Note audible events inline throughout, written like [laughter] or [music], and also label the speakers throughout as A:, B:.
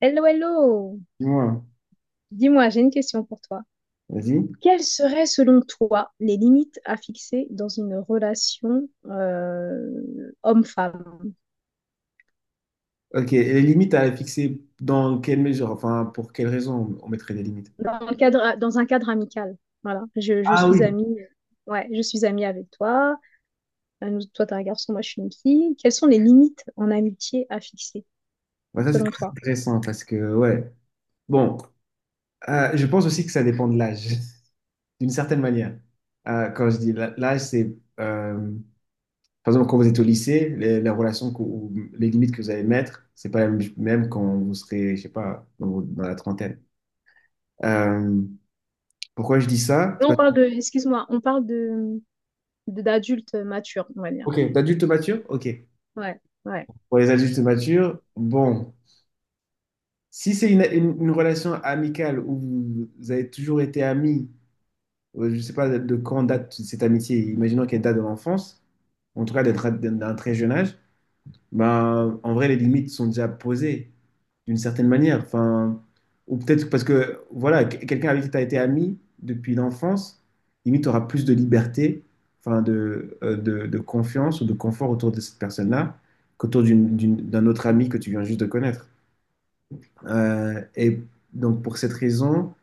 A: Hello, hello!
B: Dis-moi,
A: Dis-moi, j'ai une question pour toi.
B: vas-y.
A: Quelles seraient, selon toi, les limites à fixer dans une relation homme-femme,
B: Ok, et les limites à fixer dans quelle mesure, enfin, pour quelles raisons on mettrait des limites?
A: dans le cadre, dans un cadre amical? Voilà, je
B: Ah
A: suis
B: oui.
A: amie, ouais, je suis amie avec toi. Toi, t'es un garçon, moi, je suis une fille. Quelles sont les limites en amitié à fixer,
B: Ouais, ça, c'est
A: selon
B: très
A: toi?
B: intéressant parce que, ouais. Bon, je pense aussi que ça dépend de l'âge, [laughs] d'une certaine manière. Quand je dis l'âge, c'est, euh, par exemple, quand vous êtes au lycée, les relations ou les limites que vous allez mettre, c'est pas la même, même quand vous serez, je sais pas, dans, dans la trentaine. Euh, Pourquoi je dis ça?
A: Là,
B: C'est
A: on parle de, excuse-moi, on parle de, d'adultes matures, on va dire.
B: Ok, d'adulte mature? Ok.
A: Ouais, ouais.
B: Pour les adultes matures, bon. Si c'est une relation amicale où vous, vous avez toujours été amis, je ne sais pas de quand date cette amitié, imaginons qu'elle date de l'enfance, en tout cas d'être d'un très jeune âge, ben, en vrai, les limites sont déjà posées d'une certaine manière. Enfin, ou peut-être parce que, voilà, quelqu'un avec qui tu as été ami depuis l'enfance, limite, tu auras plus de liberté, enfin, de, de confiance ou de confort autour de cette personne-là qu'autour d'un autre ami que tu viens juste de connaître. Et donc, pour cette raison,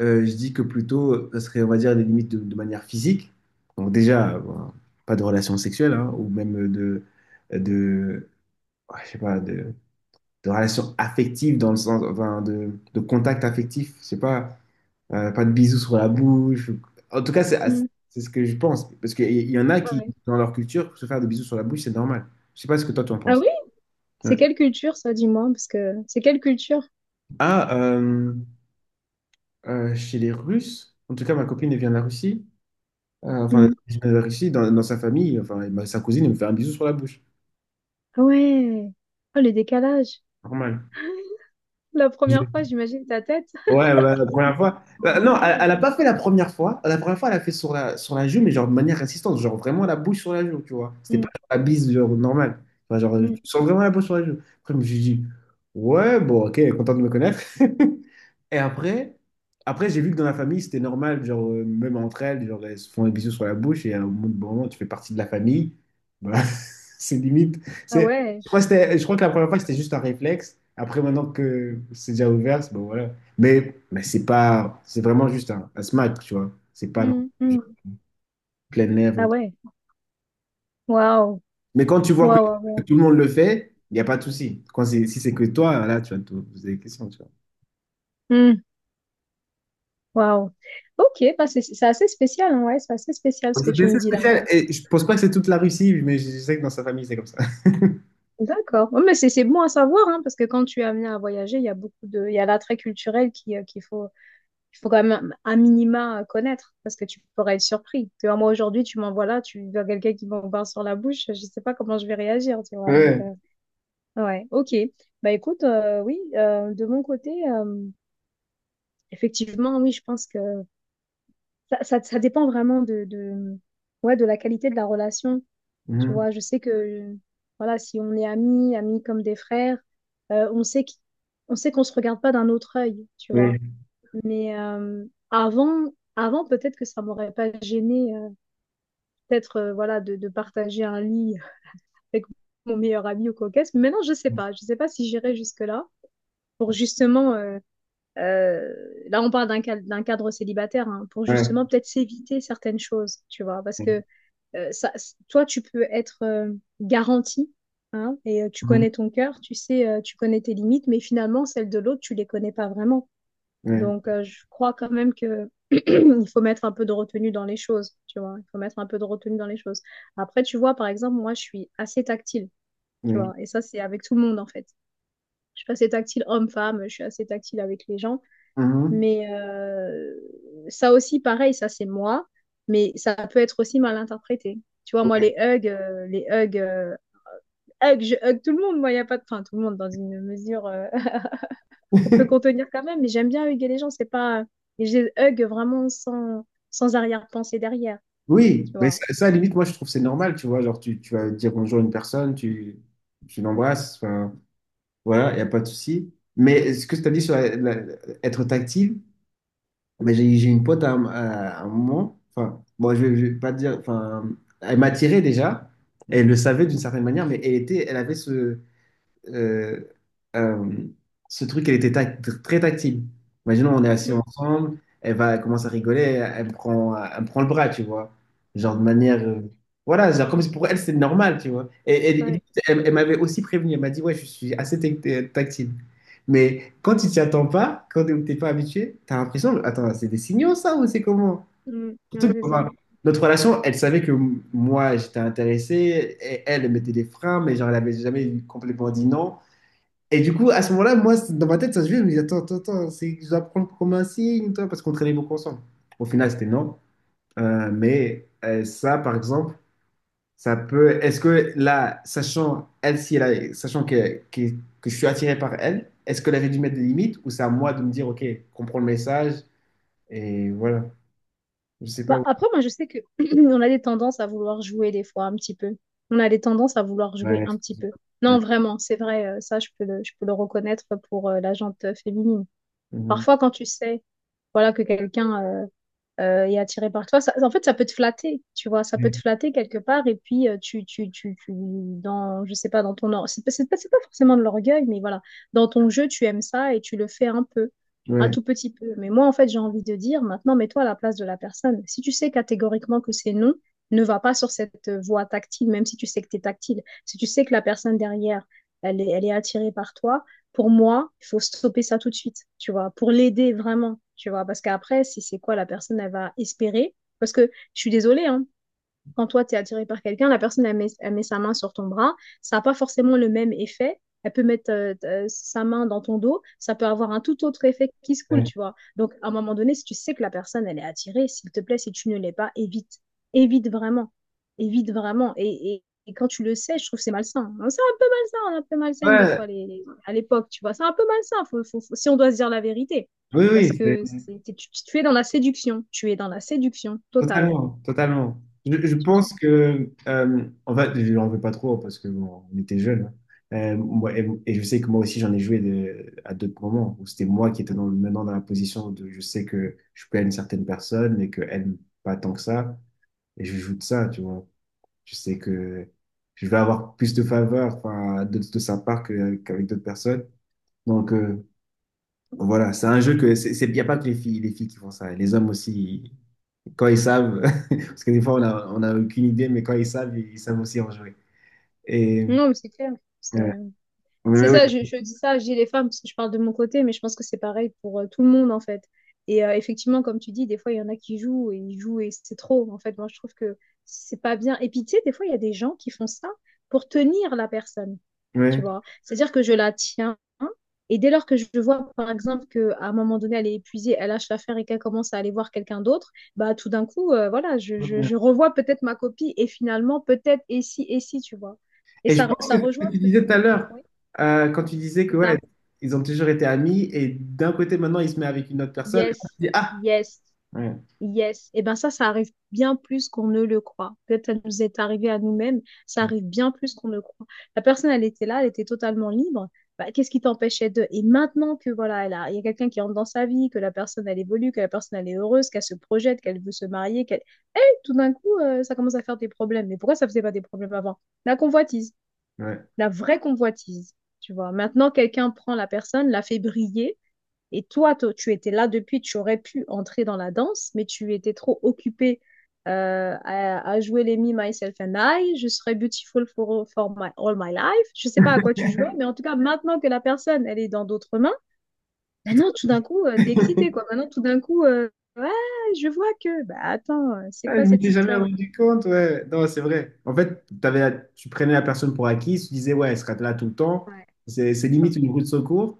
B: je dis que plutôt, ce serait, on va dire, des limites de manière physique. Donc, déjà, bon, pas de relations sexuelles, hein, ou même de, ouais, je sais pas, de relations affectives dans le sens, enfin, de contact affectif. Je sais pas, pas de bisous sur la bouche. En tout cas, c'est
A: Hmm.
B: c'est ce que je pense. Parce qu'il y en a
A: Ouais,
B: qui,
A: ouais.
B: dans leur culture, se faire des bisous sur la bouche, c'est normal. Je sais pas ce que toi, tu en
A: Ah
B: penses.
A: oui?
B: Ouais.
A: C'est quelle culture, ça, dis-moi, parce que c'est quelle culture?
B: Ah, chez les Russes, en tout cas, ma copine elle vient de la Russie. Enfin,
A: Mhm.
B: originaire ici, dans, dans sa famille, enfin, sa cousine, elle me fait un bisou sur la bouche.
A: Ah ouais. Oh, le décalage.
B: Normal.
A: La première
B: J'ai-
A: fois, j'imagine ta tête.
B: Ouais, ouais, la première fois.
A: Ah
B: Non, elle,
A: ouais.
B: elle a pas fait la première fois. La première fois, elle a fait sur la joue, mais genre de manière insistante, genre vraiment la bouche sur la joue, tu vois. C'était
A: Mm,
B: pas genre la bise, genre normale. Enfin, genre, tu
A: mm.
B: sens vraiment la bouche sur la joue. Après, je me suis dit, ouais, bon, ok, elle est contente de me connaître. [laughs] Et après, après j'ai vu que dans la famille, c'était normal, genre, même entre elles, genre, elles se font des bisous sur la bouche et à un moment, bon moment, tu fais partie de la famille. Voilà, [laughs] c'est limite.
A: Ah
B: C'est,
A: ouais.
B: je crois je crois que la première fois, c'était juste un réflexe. Après, maintenant que c'est déjà ouvert, c'est bon, voilà. Mais c'est pas, c'est vraiment juste un smack, tu vois. C'est pas non
A: Mm,
B: plus genre
A: mm.
B: plein air
A: Ah
B: et tout.
A: ouais. Waouh.
B: Mais quand tu vois
A: Waouh. Waouh.
B: que
A: Waouh.
B: tout le monde le fait, il n'y a pas de souci. Quand c'est, si c'est que toi, là, tu vas te poser des questions, tu vois.
A: Mm, waouh. Ok, bah, c'est assez spécial, hein, ouais, c'est assez spécial ce
B: Donc,
A: que
B: c'était
A: tu me
B: assez
A: dis là.
B: spécial.
A: Donc.
B: Et je pense pas que c'est toute la Russie, mais je sais que dans sa famille, c'est comme ça.
A: D'accord. Ouais, mais c'est bon à savoir, hein, parce que quand tu es amené à voyager, il y a beaucoup de, il y a l'attrait culturel qui, qu'il faut, il faut quand même un minima connaître parce que tu pourrais être surpris. Tu vois, moi aujourd'hui, tu m'envoies là, tu vois quelqu'un qui m'a sur la bouche, je sais pas comment je vais réagir, tu vois. Donc,
B: Ouais.
A: ouais, ok. Bah écoute, oui, de mon côté, effectivement, oui, je pense que ça dépend vraiment de, ouais, de la qualité de la relation. Tu
B: Mhm.
A: vois, je sais que, voilà, si on est amis, amis comme des frères, euh, on sait qu'on on sait qu'on se regarde pas d'un autre œil, tu vois.
B: Oui.
A: Mais avant, avant peut-être que ça m'aurait pas gêné, peut-être voilà, de partager un lit avec mon meilleur ami ou coquette. Mais maintenant, je sais pas. Je sais pas si j'irai jusque-là pour justement. Euh, Là, on parle d'un cadre célibataire hein, pour
B: Ouais.
A: justement peut-être s'éviter certaines choses, tu vois, parce que ça, toi, tu peux être garanti hein, et tu
B: Mhm.
A: connais ton cœur, tu sais, tu connais tes limites, mais finalement, celles de l'autre, tu les connais pas vraiment.
B: Ouais.
A: Donc, je crois quand même que [clears throat] il faut mettre un peu de retenue dans les choses, tu vois. Il faut mettre un peu de retenue dans les choses. Après, tu vois, par exemple, moi, je suis assez tactile, tu
B: Oui.
A: vois. Et ça, c'est avec tout le monde, en fait. Je suis assez tactile homme-femme, je suis assez tactile avec les gens.
B: Mhm.
A: Mais ça aussi, pareil, ça, c'est moi. Mais ça peut être aussi mal interprété. Tu vois, moi, les hugs, hugs, je hug tout le monde. Moi, il n'y a pas de... Enfin, tout le monde dans une mesure [laughs] qu'on peut contenir quand même, mais j'aime bien huguer les gens, c'est pas... Et je les hug vraiment sans, sans arrière-pensée derrière,
B: Oui,
A: tu
B: mais
A: vois.
B: ça, à la limite, moi, je trouve que c'est normal, tu vois. Genre, tu vas dire bonjour à une personne, tu l'embrasses, enfin, voilà, il n'y a pas de souci. Mais ce que tu as dit sur être tactile, mais j'ai une pote à un moment, enfin, bon, je vais pas te dire, enfin, elle m'attirait déjà, elle le savait d'une certaine manière, mais elle était, elle avait ce, euh, euh, ce truc, elle était très tactile. Imaginons, on est assis
A: Mm,
B: ensemble, elle va commencer à rigoler, elle me prend le bras, tu vois. Genre de manière. Voilà, genre comme si pour elle, c'est normal, tu vois. Et, elle,
A: ouais,
B: elle m'avait aussi prévenu, elle m'a dit, ouais, je suis assez tactile. Mais quand tu t'y attends pas, quand t'es pas habitué, t'as l'impression, attends, c'est des signaux ça ou c'est comment?
A: mm, ouais,
B: Surtout que,
A: c'est ça.
B: enfin, notre relation, elle savait que moi j'étais intéressé, et elle mettait des freins, mais genre elle avait jamais complètement dit non. Et du coup, à ce moment-là, moi, dans ma tête, ça se vient, je me dis, attends, attends, attends, c'est, je dois prendre comme un signe, toi, parce qu'on traînait beaucoup ensemble. Au final, c'était non. Mais ça, par exemple, ça peut. Est-ce que là, sachant elle, si sachant que je suis attiré par elle, est-ce qu'elle avait dû mettre des limites ou c'est à moi de me dire, OK, comprends le message et voilà. Je sais pas
A: Bah,
B: où.
A: après, moi, je sais que [clears throat] on a des tendances à vouloir jouer des fois un petit peu. On a des tendances à vouloir jouer
B: Ouais.
A: un petit peu.
B: Ouais.
A: Non, vraiment, c'est vrai, ça, je peux le reconnaître pour la gente féminine.
B: Mhm.
A: Parfois, quand tu sais, voilà, que quelqu'un... et attiré par toi. Ça- en fait, ça peut te flatter, tu vois, ça peut te flatter quelque part, et puis dans, je sais pas, dans ton, c'est pas, c'est pas forcément de l'orgueil, mais voilà, dans ton jeu, tu aimes ça et tu le fais un peu, un
B: Ouais.
A: tout petit peu. Mais moi, en fait, j'ai envie de dire, maintenant, mets-toi à la place de la personne. Si tu sais catégoriquement que c'est non, ne va pas sur cette voie tactile, même si tu sais que t'es tactile. Si tu sais que la personne derrière, elle est attirée par toi, pour moi, il faut stopper ça tout de suite, tu vois, pour l'aider vraiment, tu vois, parce qu'après, c'est quoi la personne, elle va espérer. Parce que je suis désolée, hein, quand toi, tu es attiré par quelqu'un, la personne, elle met sa main sur ton bras. Ça n'a pas forcément le même effet. Elle peut mettre sa main dans ton dos. Ça peut avoir un tout autre effet qui se coule,
B: Ouais.
A: tu vois. Donc, à un moment donné, si tu sais que la personne, elle est attirée, s'il te plaît, si tu ne l'es pas, évite. Évite vraiment. Évite vraiment. Et quand tu le sais, je trouve que c'est malsain. C'est un peu malsain, on est un peu malsaine des fois
B: Ouais.
A: les, à l'époque, tu vois. C'est un peu malsain, si on doit se dire la vérité.
B: Oui,
A: Parce
B: oui,
A: que c'est- tu es dans la séduction. Tu es dans la séduction totale,
B: totalement, totalement. Je
A: tu
B: pense
A: vois.
B: que, en fait, je n'en veux pas trop parce que bon, on était jeunes. Hein. Et je sais que moi aussi, j'en ai joué à d'autres moments où c'était moi qui étais dans, maintenant dans la position de je sais que je peux une certaine personne et qu'elle aime pas tant que ça. Et je joue de ça, tu vois. Je sais que je vais avoir plus de faveurs enfin, de sa part qu'avec d'autres personnes. Donc voilà, c'est un jeu que c'est, il n'y a pas que les filles qui font ça. Les hommes aussi, quand ils savent, [laughs] parce que des fois on a aucune idée, mais quand ils savent, ils savent aussi en jouer. Et
A: Non, mais c'est clair. C'est,
B: ouais.
A: euh, c'est
B: Mais oui,
A: ça, je dis ça, je dis les femmes parce que je parle de mon côté, mais je pense que c'est pareil pour tout le monde en fait. Et effectivement, comme tu dis, des fois il y en a qui jouent et ils jouent et c'est trop. En fait, moi je trouve que c'est pas bien. Et puis tu sais, des fois il y a des gens qui font ça pour tenir la personne, tu
B: ouais.
A: vois. C'est-à-dire que je la tiens et dès lors que je vois par exemple qu'à un moment donné elle est épuisée, elle lâche l'affaire et qu'elle commence à aller voir quelqu'un d'autre, bah tout d'un coup, voilà, je revois peut-être ma copie et finalement peut-être et si, tu vois. Et
B: Et je
A: ça,
B: pense que
A: ça
B: c'est ce
A: rejoint
B: que tu
A: ce que
B: disais
A: tu.
B: tout à l'heure,
A: Oui.
B: quand tu disais que
A: C'est
B: ouais,
A: ça.
B: ils ont toujours été amis, et d'un côté maintenant il se met avec une autre personne, et là,
A: Yes,
B: tu dis ah,
A: yes,
B: ouais,
A: yes. Et ben ça arrive bien plus qu'on ne le croit. Peut-être ça nous est arrivé à nous-mêmes, ça arrive bien plus qu'on ne le croit. La personne, elle était là, elle était totalement libre. Bah, qu'est-ce qui t'empêchait de... Et maintenant que voilà, elle a, il y a quelqu'un qui entre dans sa vie, que la personne, elle évolue, que la personne, elle est heureuse, qu'elle se projette, qu'elle veut se marier, qu'elle... Tout d'un coup, ça commence à faire des problèmes. Mais pourquoi ça faisait pas des problèmes avant? La convoitise,
B: ouais.
A: la vraie convoitise. Tu vois, maintenant, quelqu'un prend la personne, la fait briller. Et toi, toi, tu étais là depuis, tu aurais pu entrer dans la danse, mais tu étais trop occupée à jouer les Me, Myself and I, je serais beautiful for, for my, all my life. Je sais pas à quoi tu jouais, mais en tout cas, maintenant que la personne, elle est dans d'autres mains,
B: C'est
A: maintenant,
B: trop-
A: tout d'un coup, tu t'es excité,
B: [laughs]
A: quoi. Maintenant, tout d'un coup, ouais, je vois que, bah attends, c'est
B: Ah, je
A: quoi cette
B: m'étais jamais
A: histoire?
B: rendu compte, ouais. Non, c'est vrai. En fait, t'avais, tu prenais la personne pour acquis, tu disais, ouais, elle sera là tout le temps.
A: Ouais,
B: C'est
A: c'est ça.
B: limite une roue de secours.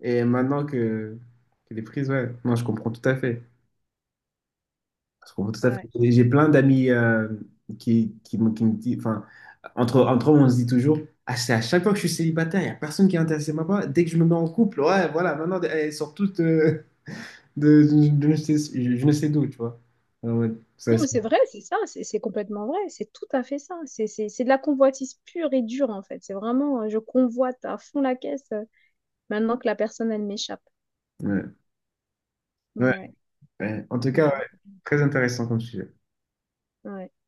B: Et maintenant que les prises, ouais. Non, je comprends tout à fait. Je comprends tout à fait.
A: Ouais.
B: Et j'ai plein d'amis qui, qui me disent, enfin, entre, entre eux, on se dit toujours, ah, c'est à chaque fois que je suis célibataire, il n'y a personne qui est intéressé par moi. Dès que je me mets en couple, ouais, voilà, maintenant, elles sortent toutes de, je, je ne sais d'où, tu vois. Ah ouais, ça,
A: Non,
B: c'est-
A: mais c'est vrai, c'est ça, c'est complètement vrai, c'est tout à fait ça. C'est de la convoitise pure et dure, en fait. C'est vraiment, je convoite à fond la caisse. Maintenant que la personne, elle m'échappe.
B: ouais,
A: Ouais,
B: ouais,
A: ouais.
B: ouais. En tout cas,
A: Donc,
B: ouais, très intéressant comme sujet.
A: ouais.